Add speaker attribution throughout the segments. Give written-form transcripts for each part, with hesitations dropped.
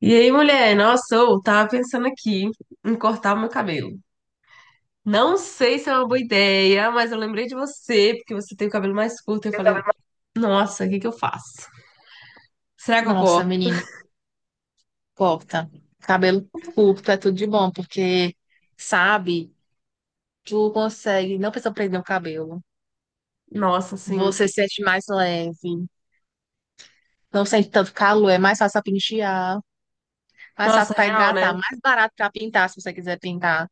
Speaker 1: E aí, mulher, nossa, eu tava pensando aqui em cortar o meu cabelo. Não sei se é uma boa ideia, mas eu lembrei de você, porque você tem o cabelo mais curto, e eu falei, nossa, o que que eu faço? Será que eu
Speaker 2: Nossa,
Speaker 1: corto?
Speaker 2: menina, corta. Cabelo curto é tudo de bom, porque, sabe, tu consegue, não precisa prender o cabelo.
Speaker 1: Nossa, assim,
Speaker 2: Você se sente mais leve, não sente tanto calor, é mais fácil pra pentear, mais
Speaker 1: nossa,
Speaker 2: fácil pra
Speaker 1: real, né?
Speaker 2: hidratar, mais barato pra pintar, se você quiser pintar.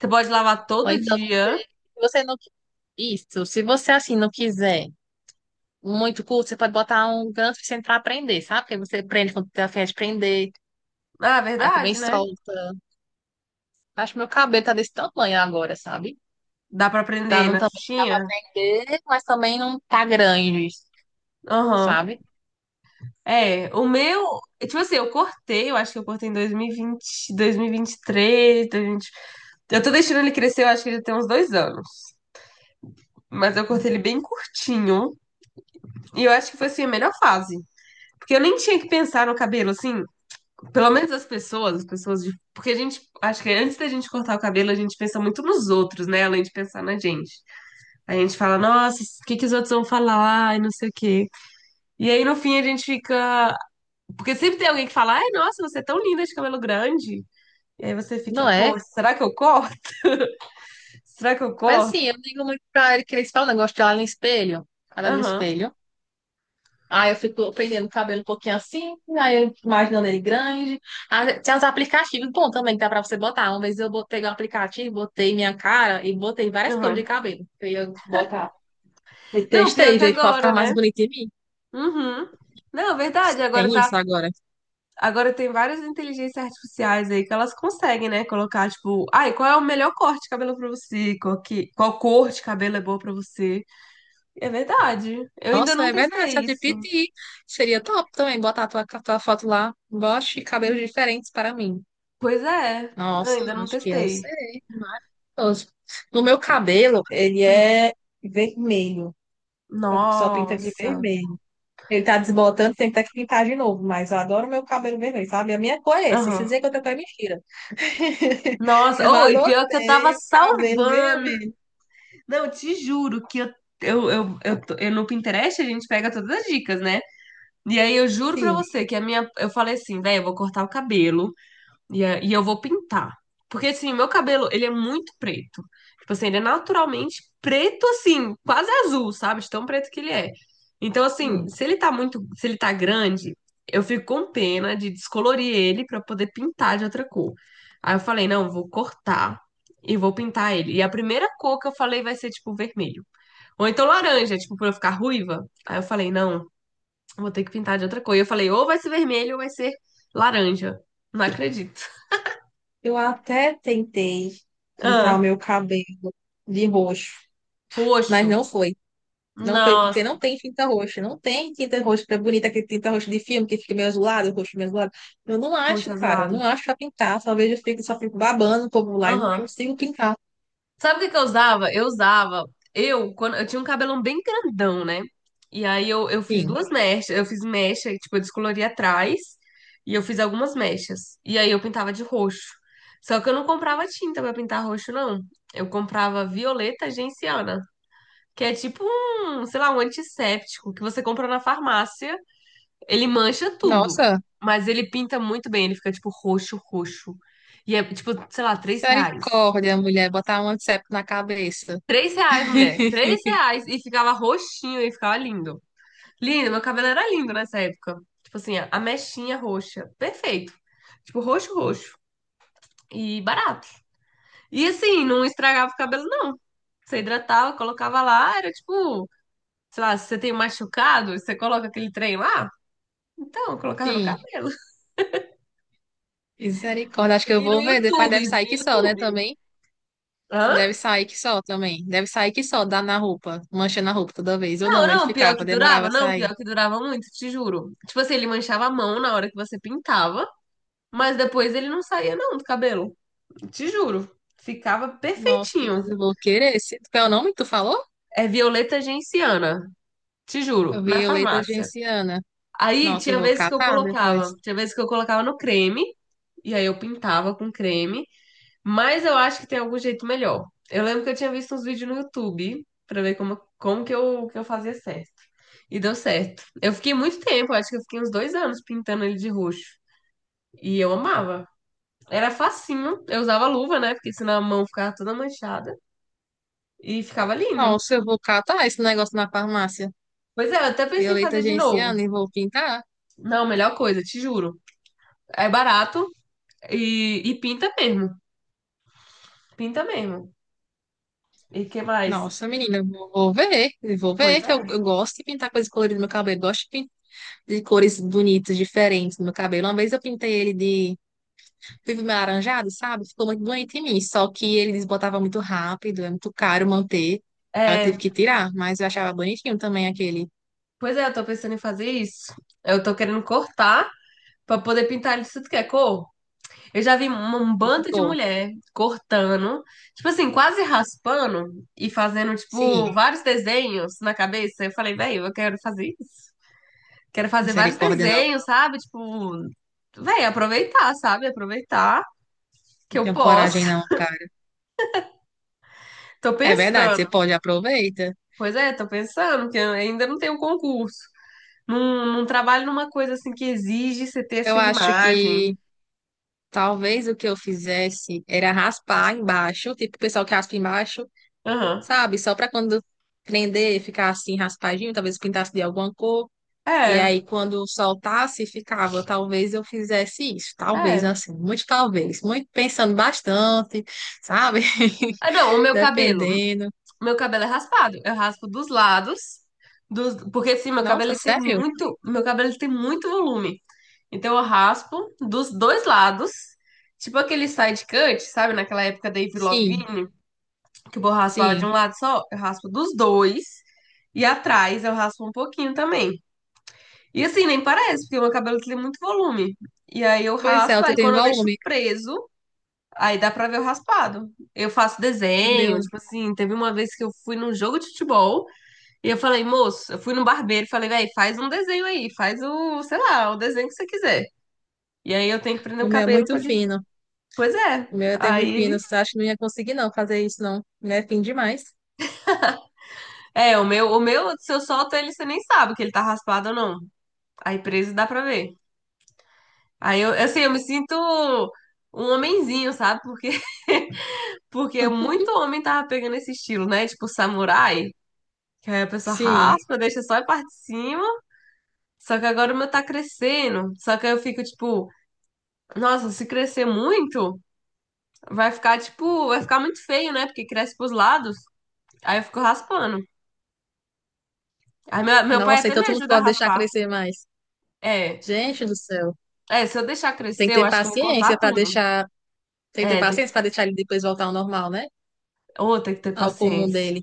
Speaker 1: Você pode lavar
Speaker 2: Ou
Speaker 1: todo
Speaker 2: então você,
Speaker 1: dia.
Speaker 2: se você não, isso, se você assim não quiser muito curto, você pode botar um gancho sem pra prender, sabe? Porque você prende quando tem a fim de prender,
Speaker 1: Ah, é
Speaker 2: aí também
Speaker 1: verdade, né?
Speaker 2: solta. Acho que meu cabelo tá desse tamanho agora, sabe?
Speaker 1: Dá pra
Speaker 2: Tá
Speaker 1: prender
Speaker 2: não
Speaker 1: na
Speaker 2: tamanho que dá pra
Speaker 1: xuxinha?
Speaker 2: aprender, mas também não tá grande,
Speaker 1: Aham.
Speaker 2: sabe?
Speaker 1: É, o meu, tipo assim, eu acho que eu cortei em 2020, 2023, 2020. Eu tô deixando ele crescer, eu acho que ele tem uns 2 anos. Mas eu cortei ele bem curtinho. E eu acho que foi assim a melhor fase. Porque eu nem tinha que pensar no cabelo, assim, pelo menos as pessoas de. Porque a gente, acho que antes da gente cortar o cabelo, a gente pensa muito nos outros, né? Além de pensar na gente. A gente fala, nossa, o que que os outros vão falar? Ai, não sei o quê. E aí no fim a gente fica. Porque sempre tem alguém que fala, ai, nossa, você é tão linda de cabelo grande. E aí você fica,
Speaker 2: Não é?
Speaker 1: pô, será que eu corto? Será que eu
Speaker 2: Mas assim,
Speaker 1: corto?
Speaker 2: eu digo muito pra ele que eles falam, negócio de olhar no espelho, olhar no
Speaker 1: Aham,
Speaker 2: espelho. Aí eu fico prendendo o cabelo um pouquinho assim, aí eu imaginando ele grande. Ah, tem uns aplicativos, bom, também que dá pra você botar. Uma vez eu peguei um aplicativo, botei minha cara e botei várias cores de
Speaker 1: aham.
Speaker 2: cabelo. Eu ia botar. E
Speaker 1: Não, pior
Speaker 2: testei,
Speaker 1: que
Speaker 2: ver qual
Speaker 1: agora,
Speaker 2: ficava mais
Speaker 1: né?
Speaker 2: bonito em mim.
Speaker 1: Uhum. Não, verdade, agora
Speaker 2: Tem
Speaker 1: tá.
Speaker 2: isso agora.
Speaker 1: Agora tem várias inteligências artificiais aí que elas conseguem, né? Colocar, tipo, ai, qual é o melhor corte de cabelo pra você? Qual cor de cabelo é boa pra você? É verdade. Eu ainda
Speaker 2: Nossa,
Speaker 1: não
Speaker 2: é verdade,
Speaker 1: testei isso.
Speaker 2: ChatGPT. Seria top também botar a tua foto lá. Bote cabelos diferentes para mim.
Speaker 1: Pois é, eu
Speaker 2: Nossa,
Speaker 1: ainda não
Speaker 2: acho que eu
Speaker 1: testei.
Speaker 2: sei. Maravilhoso. No meu cabelo, ele
Speaker 1: Hum.
Speaker 2: é vermelho. Eu só pinta de
Speaker 1: Nossa.
Speaker 2: vermelho. Ele tá desbotando, tem que ter que pintar de novo. Mas eu adoro meu cabelo vermelho, sabe? A minha cor é essa. Se
Speaker 1: Aham.
Speaker 2: dizer que eu tenho cor é mentira.
Speaker 1: Nossa,
Speaker 2: Eu
Speaker 1: oh, e pior que eu tava
Speaker 2: adotei o cabelo
Speaker 1: salvando.
Speaker 2: vermelho.
Speaker 1: Não, te juro que eu no Pinterest a gente pega todas as dicas, né? E aí eu juro pra
Speaker 2: Sim,
Speaker 1: você que a minha. Eu falei assim, velho, eu vou cortar o cabelo. E eu vou pintar. Porque, assim, meu cabelo, ele é muito preto. Tipo assim, ele é naturalmente preto, assim, quase azul, sabe? De tão preto que ele é. Então, assim,
Speaker 2: sim.
Speaker 1: se ele tá grande, eu fico com pena de descolorir ele pra poder pintar de outra cor. Aí eu falei, não, vou cortar e vou pintar ele. E a primeira cor que eu falei vai ser, tipo, vermelho. Ou então laranja, tipo, pra eu ficar ruiva. Aí eu falei, não, vou ter que pintar de outra cor. E eu falei, ou vai ser vermelho ou vai ser laranja. Não acredito.
Speaker 2: Eu até tentei pintar o
Speaker 1: Ah.
Speaker 2: meu cabelo de roxo, mas
Speaker 1: Roxo.
Speaker 2: não foi. Não foi porque
Speaker 1: Nossa,
Speaker 2: não tem tinta roxa. Não tem tinta roxa, que é bonita aquele tinta roxa de filme que fica meio azulado, o roxo meio azulado. Eu não
Speaker 1: roxo
Speaker 2: acho, cara. Eu
Speaker 1: azulado.
Speaker 2: não acho pra pintar. Só vejo, eu fico, só fico babando o povo lá e não
Speaker 1: Aham.
Speaker 2: consigo pintar.
Speaker 1: Sabe o que que eu usava? Eu usava. Eu, quando eu tinha um cabelão bem grandão, né? E aí eu fiz
Speaker 2: Sim.
Speaker 1: duas mechas. Eu fiz mecha, e, tipo, eu descolori atrás. E eu fiz algumas mechas. E aí eu pintava de roxo. Só que eu não comprava tinta pra pintar roxo, não. Eu comprava violeta genciana, que é tipo um, sei lá, um antisséptico que você compra na farmácia. Ele mancha tudo,
Speaker 2: Nossa,
Speaker 1: mas ele pinta muito bem. Ele fica, tipo, roxo, roxo. E é, tipo, sei lá, R$ 3.
Speaker 2: misericórdia, mulher. Botar um antisséptico na cabeça.
Speaker 1: R$ 3, mulher. R$ 3. E ficava roxinho e ficava lindo. Lindo, meu cabelo era lindo nessa época. Tipo assim, a mechinha roxa. Perfeito. Tipo, roxo, roxo. E barato. E assim, não estragava o cabelo, não. Você hidratava, colocava lá, era tipo, sei lá, se você tem um machucado, você coloca aquele trem lá. Então, eu colocava no
Speaker 2: Sim,
Speaker 1: cabelo.
Speaker 2: misericórdia. Acho que eu
Speaker 1: Vi no
Speaker 2: vou ver. Depois
Speaker 1: YouTube,
Speaker 2: deve
Speaker 1: vi
Speaker 2: sair
Speaker 1: no
Speaker 2: que só, né?
Speaker 1: YouTube.
Speaker 2: Também.
Speaker 1: Hã?
Speaker 2: Deve sair que só também. Deve sair que só, dá na roupa, mancha na roupa toda vez. Ou
Speaker 1: Não,
Speaker 2: não, ele
Speaker 1: não, pior
Speaker 2: ficava,
Speaker 1: que
Speaker 2: demorava
Speaker 1: durava,
Speaker 2: a
Speaker 1: não,
Speaker 2: sair.
Speaker 1: pior que durava muito, te juro. Tipo assim, ele manchava a mão na hora que você pintava, mas depois ele não saía não do cabelo. Te juro, ficava
Speaker 2: Nossa, depois
Speaker 1: perfeitinho.
Speaker 2: eu vou querer. Esse... Qual é o nome que tu falou?
Speaker 1: É violeta genciana, te juro, na
Speaker 2: Violeta
Speaker 1: farmácia.
Speaker 2: genciana.
Speaker 1: Aí
Speaker 2: Nossa, eu
Speaker 1: tinha
Speaker 2: vou
Speaker 1: vezes que eu
Speaker 2: catar
Speaker 1: colocava,
Speaker 2: depois.
Speaker 1: tinha vezes que eu colocava no creme, e aí eu pintava com creme. Mas eu acho que tem algum jeito melhor. Eu lembro que eu tinha visto uns vídeos no YouTube pra ver como que eu fazia certo. E deu certo. Eu fiquei muito tempo, acho que eu fiquei uns 2 anos pintando ele de roxo. E eu amava. Era facinho. Eu usava luva, né? Porque senão a mão ficava toda manchada. E ficava lindo.
Speaker 2: Nossa, eu vou catar esse negócio na farmácia.
Speaker 1: Pois é, eu até pensei em
Speaker 2: Violeta
Speaker 1: fazer de novo.
Speaker 2: genciana e vou pintar.
Speaker 1: Não, melhor coisa, te juro. É barato e pinta mesmo. Pinta mesmo. E que mais?
Speaker 2: Nossa, menina, eu vou ver. Eu vou ver
Speaker 1: Pois
Speaker 2: que eu,
Speaker 1: é.
Speaker 2: eu gosto de pintar coisas coloridas no meu cabelo. Eu gosto de de cores bonitas, diferentes no meu cabelo. Uma vez eu pintei ele de vivo meio alaranjado, sabe? Ficou muito bonito em mim. Só que ele desbotava muito rápido, é muito caro manter. Aí eu tive
Speaker 1: É,
Speaker 2: que tirar, mas eu achava bonitinho também aquele.
Speaker 1: pois é, eu tô pensando em fazer isso. Eu tô querendo cortar pra poder pintar ele de tudo que é cor. Eu já vi um
Speaker 2: E
Speaker 1: bando de
Speaker 2: ficou.
Speaker 1: mulher cortando, tipo assim, quase raspando e fazendo, tipo,
Speaker 2: Sim,
Speaker 1: vários desenhos na cabeça. Eu falei, velho, eu quero fazer isso. Quero fazer vários
Speaker 2: misericórdia, não.
Speaker 1: desenhos, sabe? Tipo, velho, aproveitar, sabe? Aproveitar que
Speaker 2: Não
Speaker 1: eu
Speaker 2: tenho coragem,
Speaker 1: posso.
Speaker 2: não.
Speaker 1: Tô
Speaker 2: É verdade, você
Speaker 1: pensando.
Speaker 2: pode aproveita.
Speaker 1: Pois é, tô pensando que eu ainda não tenho concurso. Não, não trabalho numa coisa assim que exige você ter
Speaker 2: Eu
Speaker 1: essa
Speaker 2: acho
Speaker 1: imagem.
Speaker 2: que talvez o que eu fizesse era raspar embaixo, tipo o pessoal que raspa embaixo,
Speaker 1: Aham.
Speaker 2: sabe? Só para quando prender, ficar assim raspadinho, talvez pintasse de alguma cor. E
Speaker 1: É,
Speaker 2: aí quando soltasse, ficava. Talvez eu fizesse isso, talvez
Speaker 1: é.
Speaker 2: assim, muito talvez, muito pensando bastante, sabe?
Speaker 1: Ah, não, o meu cabelo.
Speaker 2: Dependendo.
Speaker 1: Meu cabelo é raspado. Eu raspo dos lados, porque assim,
Speaker 2: Nossa, sério?
Speaker 1: meu cabelo ele tem muito volume. Então eu raspo dos dois lados, tipo aquele side cut, sabe? Naquela época da Avril
Speaker 2: Sim,
Speaker 1: Lavigne, que o povo raspava de um
Speaker 2: sim.
Speaker 1: lado só, eu raspo dos dois. E atrás eu raspo um pouquinho também. E assim, nem parece, porque meu cabelo tem muito volume. E aí eu
Speaker 2: Pois é,
Speaker 1: raspo,
Speaker 2: eu
Speaker 1: aí
Speaker 2: tenho
Speaker 1: quando eu deixo
Speaker 2: volume.
Speaker 1: preso, aí dá pra ver o raspado. Eu faço
Speaker 2: O
Speaker 1: desenho,
Speaker 2: meu,
Speaker 1: tipo assim, teve uma vez que eu fui num jogo de futebol e eu falei, moço, eu fui no barbeiro e falei, véi, faz um desenho aí, faz o, sei lá, o desenho que você quiser. E aí eu tenho que prender o
Speaker 2: o meu é
Speaker 1: cabelo pra
Speaker 2: muito
Speaker 1: ele.
Speaker 2: fino.
Speaker 1: Pois é.
Speaker 2: O meu tem muito
Speaker 1: Aí ele.
Speaker 2: pinos. Acho que não ia conseguir, não, fazer isso, não. Né? Fim demais.
Speaker 1: É, o meu, se eu solto ele, você nem sabe que ele tá raspado ou não. Aí preso dá pra ver. Aí eu, assim, eu me sinto um homenzinho, sabe? Porque, porque muito homem tava pegando esse estilo, né? Tipo, samurai. Que aí a pessoa
Speaker 2: Sim.
Speaker 1: raspa, deixa só a parte de cima. Só que agora o meu tá crescendo. Só que aí eu fico tipo, nossa, se crescer muito, vai ficar muito feio, né? Porque cresce pros lados. Aí eu fico raspando. Aí meu pai
Speaker 2: Nossa,
Speaker 1: até
Speaker 2: então
Speaker 1: me
Speaker 2: tu não
Speaker 1: ajuda a
Speaker 2: pode deixar
Speaker 1: raspar.
Speaker 2: crescer mais.
Speaker 1: É.
Speaker 2: Gente do céu.
Speaker 1: É, se eu deixar
Speaker 2: Tem que
Speaker 1: crescer, eu
Speaker 2: ter
Speaker 1: acho que eu vou cortar
Speaker 2: paciência para
Speaker 1: tudo.
Speaker 2: deixar. Tem que ter
Speaker 1: É, tem
Speaker 2: paciência
Speaker 1: que,
Speaker 2: para deixar ele depois voltar ao normal, né?
Speaker 1: oh, tem que ter
Speaker 2: Ao comum
Speaker 1: paciência.
Speaker 2: dele.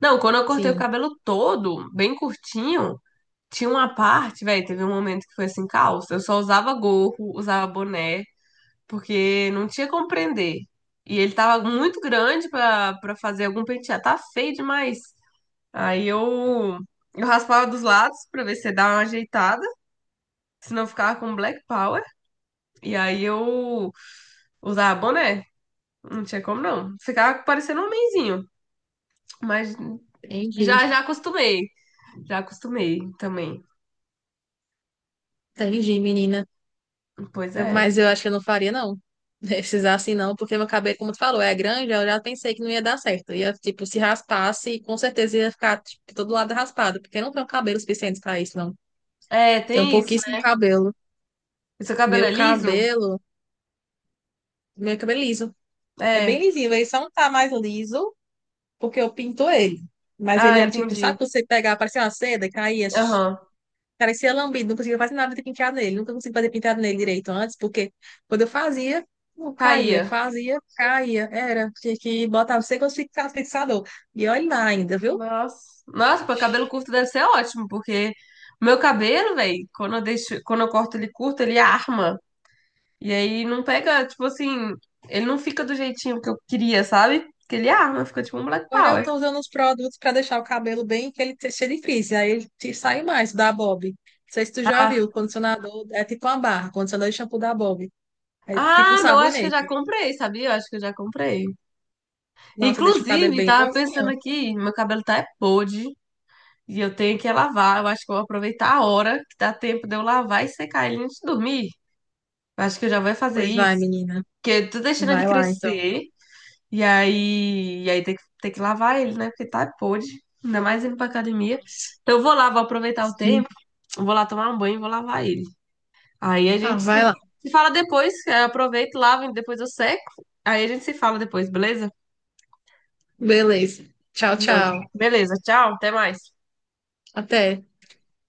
Speaker 1: Não, quando eu cortei o
Speaker 2: Sim.
Speaker 1: cabelo todo, bem curtinho, tinha uma parte, velho, teve um momento que foi assim, calça. Eu só usava gorro, usava boné. Porque não tinha como prender. E ele tava muito grande pra fazer algum penteado. Tá feio demais. Aí eu raspava dos lados pra ver se dava uma ajeitada, senão eu ficava com black power. E aí eu usava boné. Não tinha como não. Ficava parecendo um homenzinho, mas
Speaker 2: Entendi.
Speaker 1: já já acostumei. Já acostumei também.
Speaker 2: Entendi, menina.
Speaker 1: Pois
Speaker 2: Eu-
Speaker 1: é.
Speaker 2: Mas eu acho que eu não faria, não. Esses assim, não, porque meu cabelo, como tu falou, é grande, eu já pensei que não ia dar certo. Ia, tipo, se raspasse, com certeza ia ficar, tipo, todo lado raspado, porque eu não tenho cabelo suficiente para isso, não.
Speaker 1: É,
Speaker 2: Tenho
Speaker 1: tem isso,
Speaker 2: pouquíssimo
Speaker 1: né?
Speaker 2: cabelo.
Speaker 1: E seu cabelo
Speaker 2: Meu
Speaker 1: é liso?
Speaker 2: cabelo, meu cabelo é liso. É bem
Speaker 1: É.
Speaker 2: lisinho, ele só não tá mais liso porque eu pinto ele. Mas
Speaker 1: Ah,
Speaker 2: ele era tipo,
Speaker 1: entendi.
Speaker 2: sabe quando você pegava, parecia uma seda e caía, sh-
Speaker 1: Aham.
Speaker 2: parecia lambido, não conseguia fazer nada de penteado nele, nunca consegui fazer penteado nele direito antes, porque quando eu fazia, não caía,
Speaker 1: Caía.
Speaker 2: fazia, caía, era, tinha que botar, não sei quantos fixador. E olha lá ainda, viu?
Speaker 1: Nossa. Nossa, pô, cabelo curto deve ser ótimo, porque o meu cabelo, velho, quando eu corto ele curto, ele arma. E aí não pega, tipo assim, ele não fica do jeitinho que eu queria, sabe? Porque ele arma, fica tipo um Black
Speaker 2: Agora eu
Speaker 1: Power.
Speaker 2: tô usando uns produtos para deixar o cabelo bem que ele seja difícil, aí ele te sai mais da Bob. Não sei se tu já
Speaker 1: Ah,
Speaker 2: viu, o condicionador é tipo uma barra, condicionador de shampoo da Bob. É tipo um
Speaker 1: ah, não, acho que eu já
Speaker 2: sabonete.
Speaker 1: comprei, sabia? Eu acho que eu já comprei.
Speaker 2: Nossa, deixa o cabelo
Speaker 1: Inclusive,
Speaker 2: bem
Speaker 1: tava pensando
Speaker 2: bonzinho.
Speaker 1: aqui, meu cabelo tá é podre e eu tenho que lavar. Eu acho que eu vou aproveitar a hora que dá tempo de eu lavar e secar ele antes de dormir. Eu acho que eu já vou fazer
Speaker 2: Pois vai,
Speaker 1: isso.
Speaker 2: menina.
Speaker 1: Porque eu tô deixando ele
Speaker 2: Vai lá, então.
Speaker 1: crescer. E aí tem que lavar ele, né? Porque tá podre, ainda mais indo pra academia.
Speaker 2: Nossa.
Speaker 1: Então eu vou lá, vou aproveitar o
Speaker 2: Sim.
Speaker 1: tempo, vou lá tomar um banho e vou lavar ele. Aí a
Speaker 2: Tá,
Speaker 1: gente se,
Speaker 2: vai lá.
Speaker 1: se fala depois, eu aproveito, lavo e depois eu seco. Aí a gente se fala depois, beleza?
Speaker 2: Beleza. Tchau,
Speaker 1: Então,
Speaker 2: tchau.
Speaker 1: beleza, tchau, até mais.
Speaker 2: Até.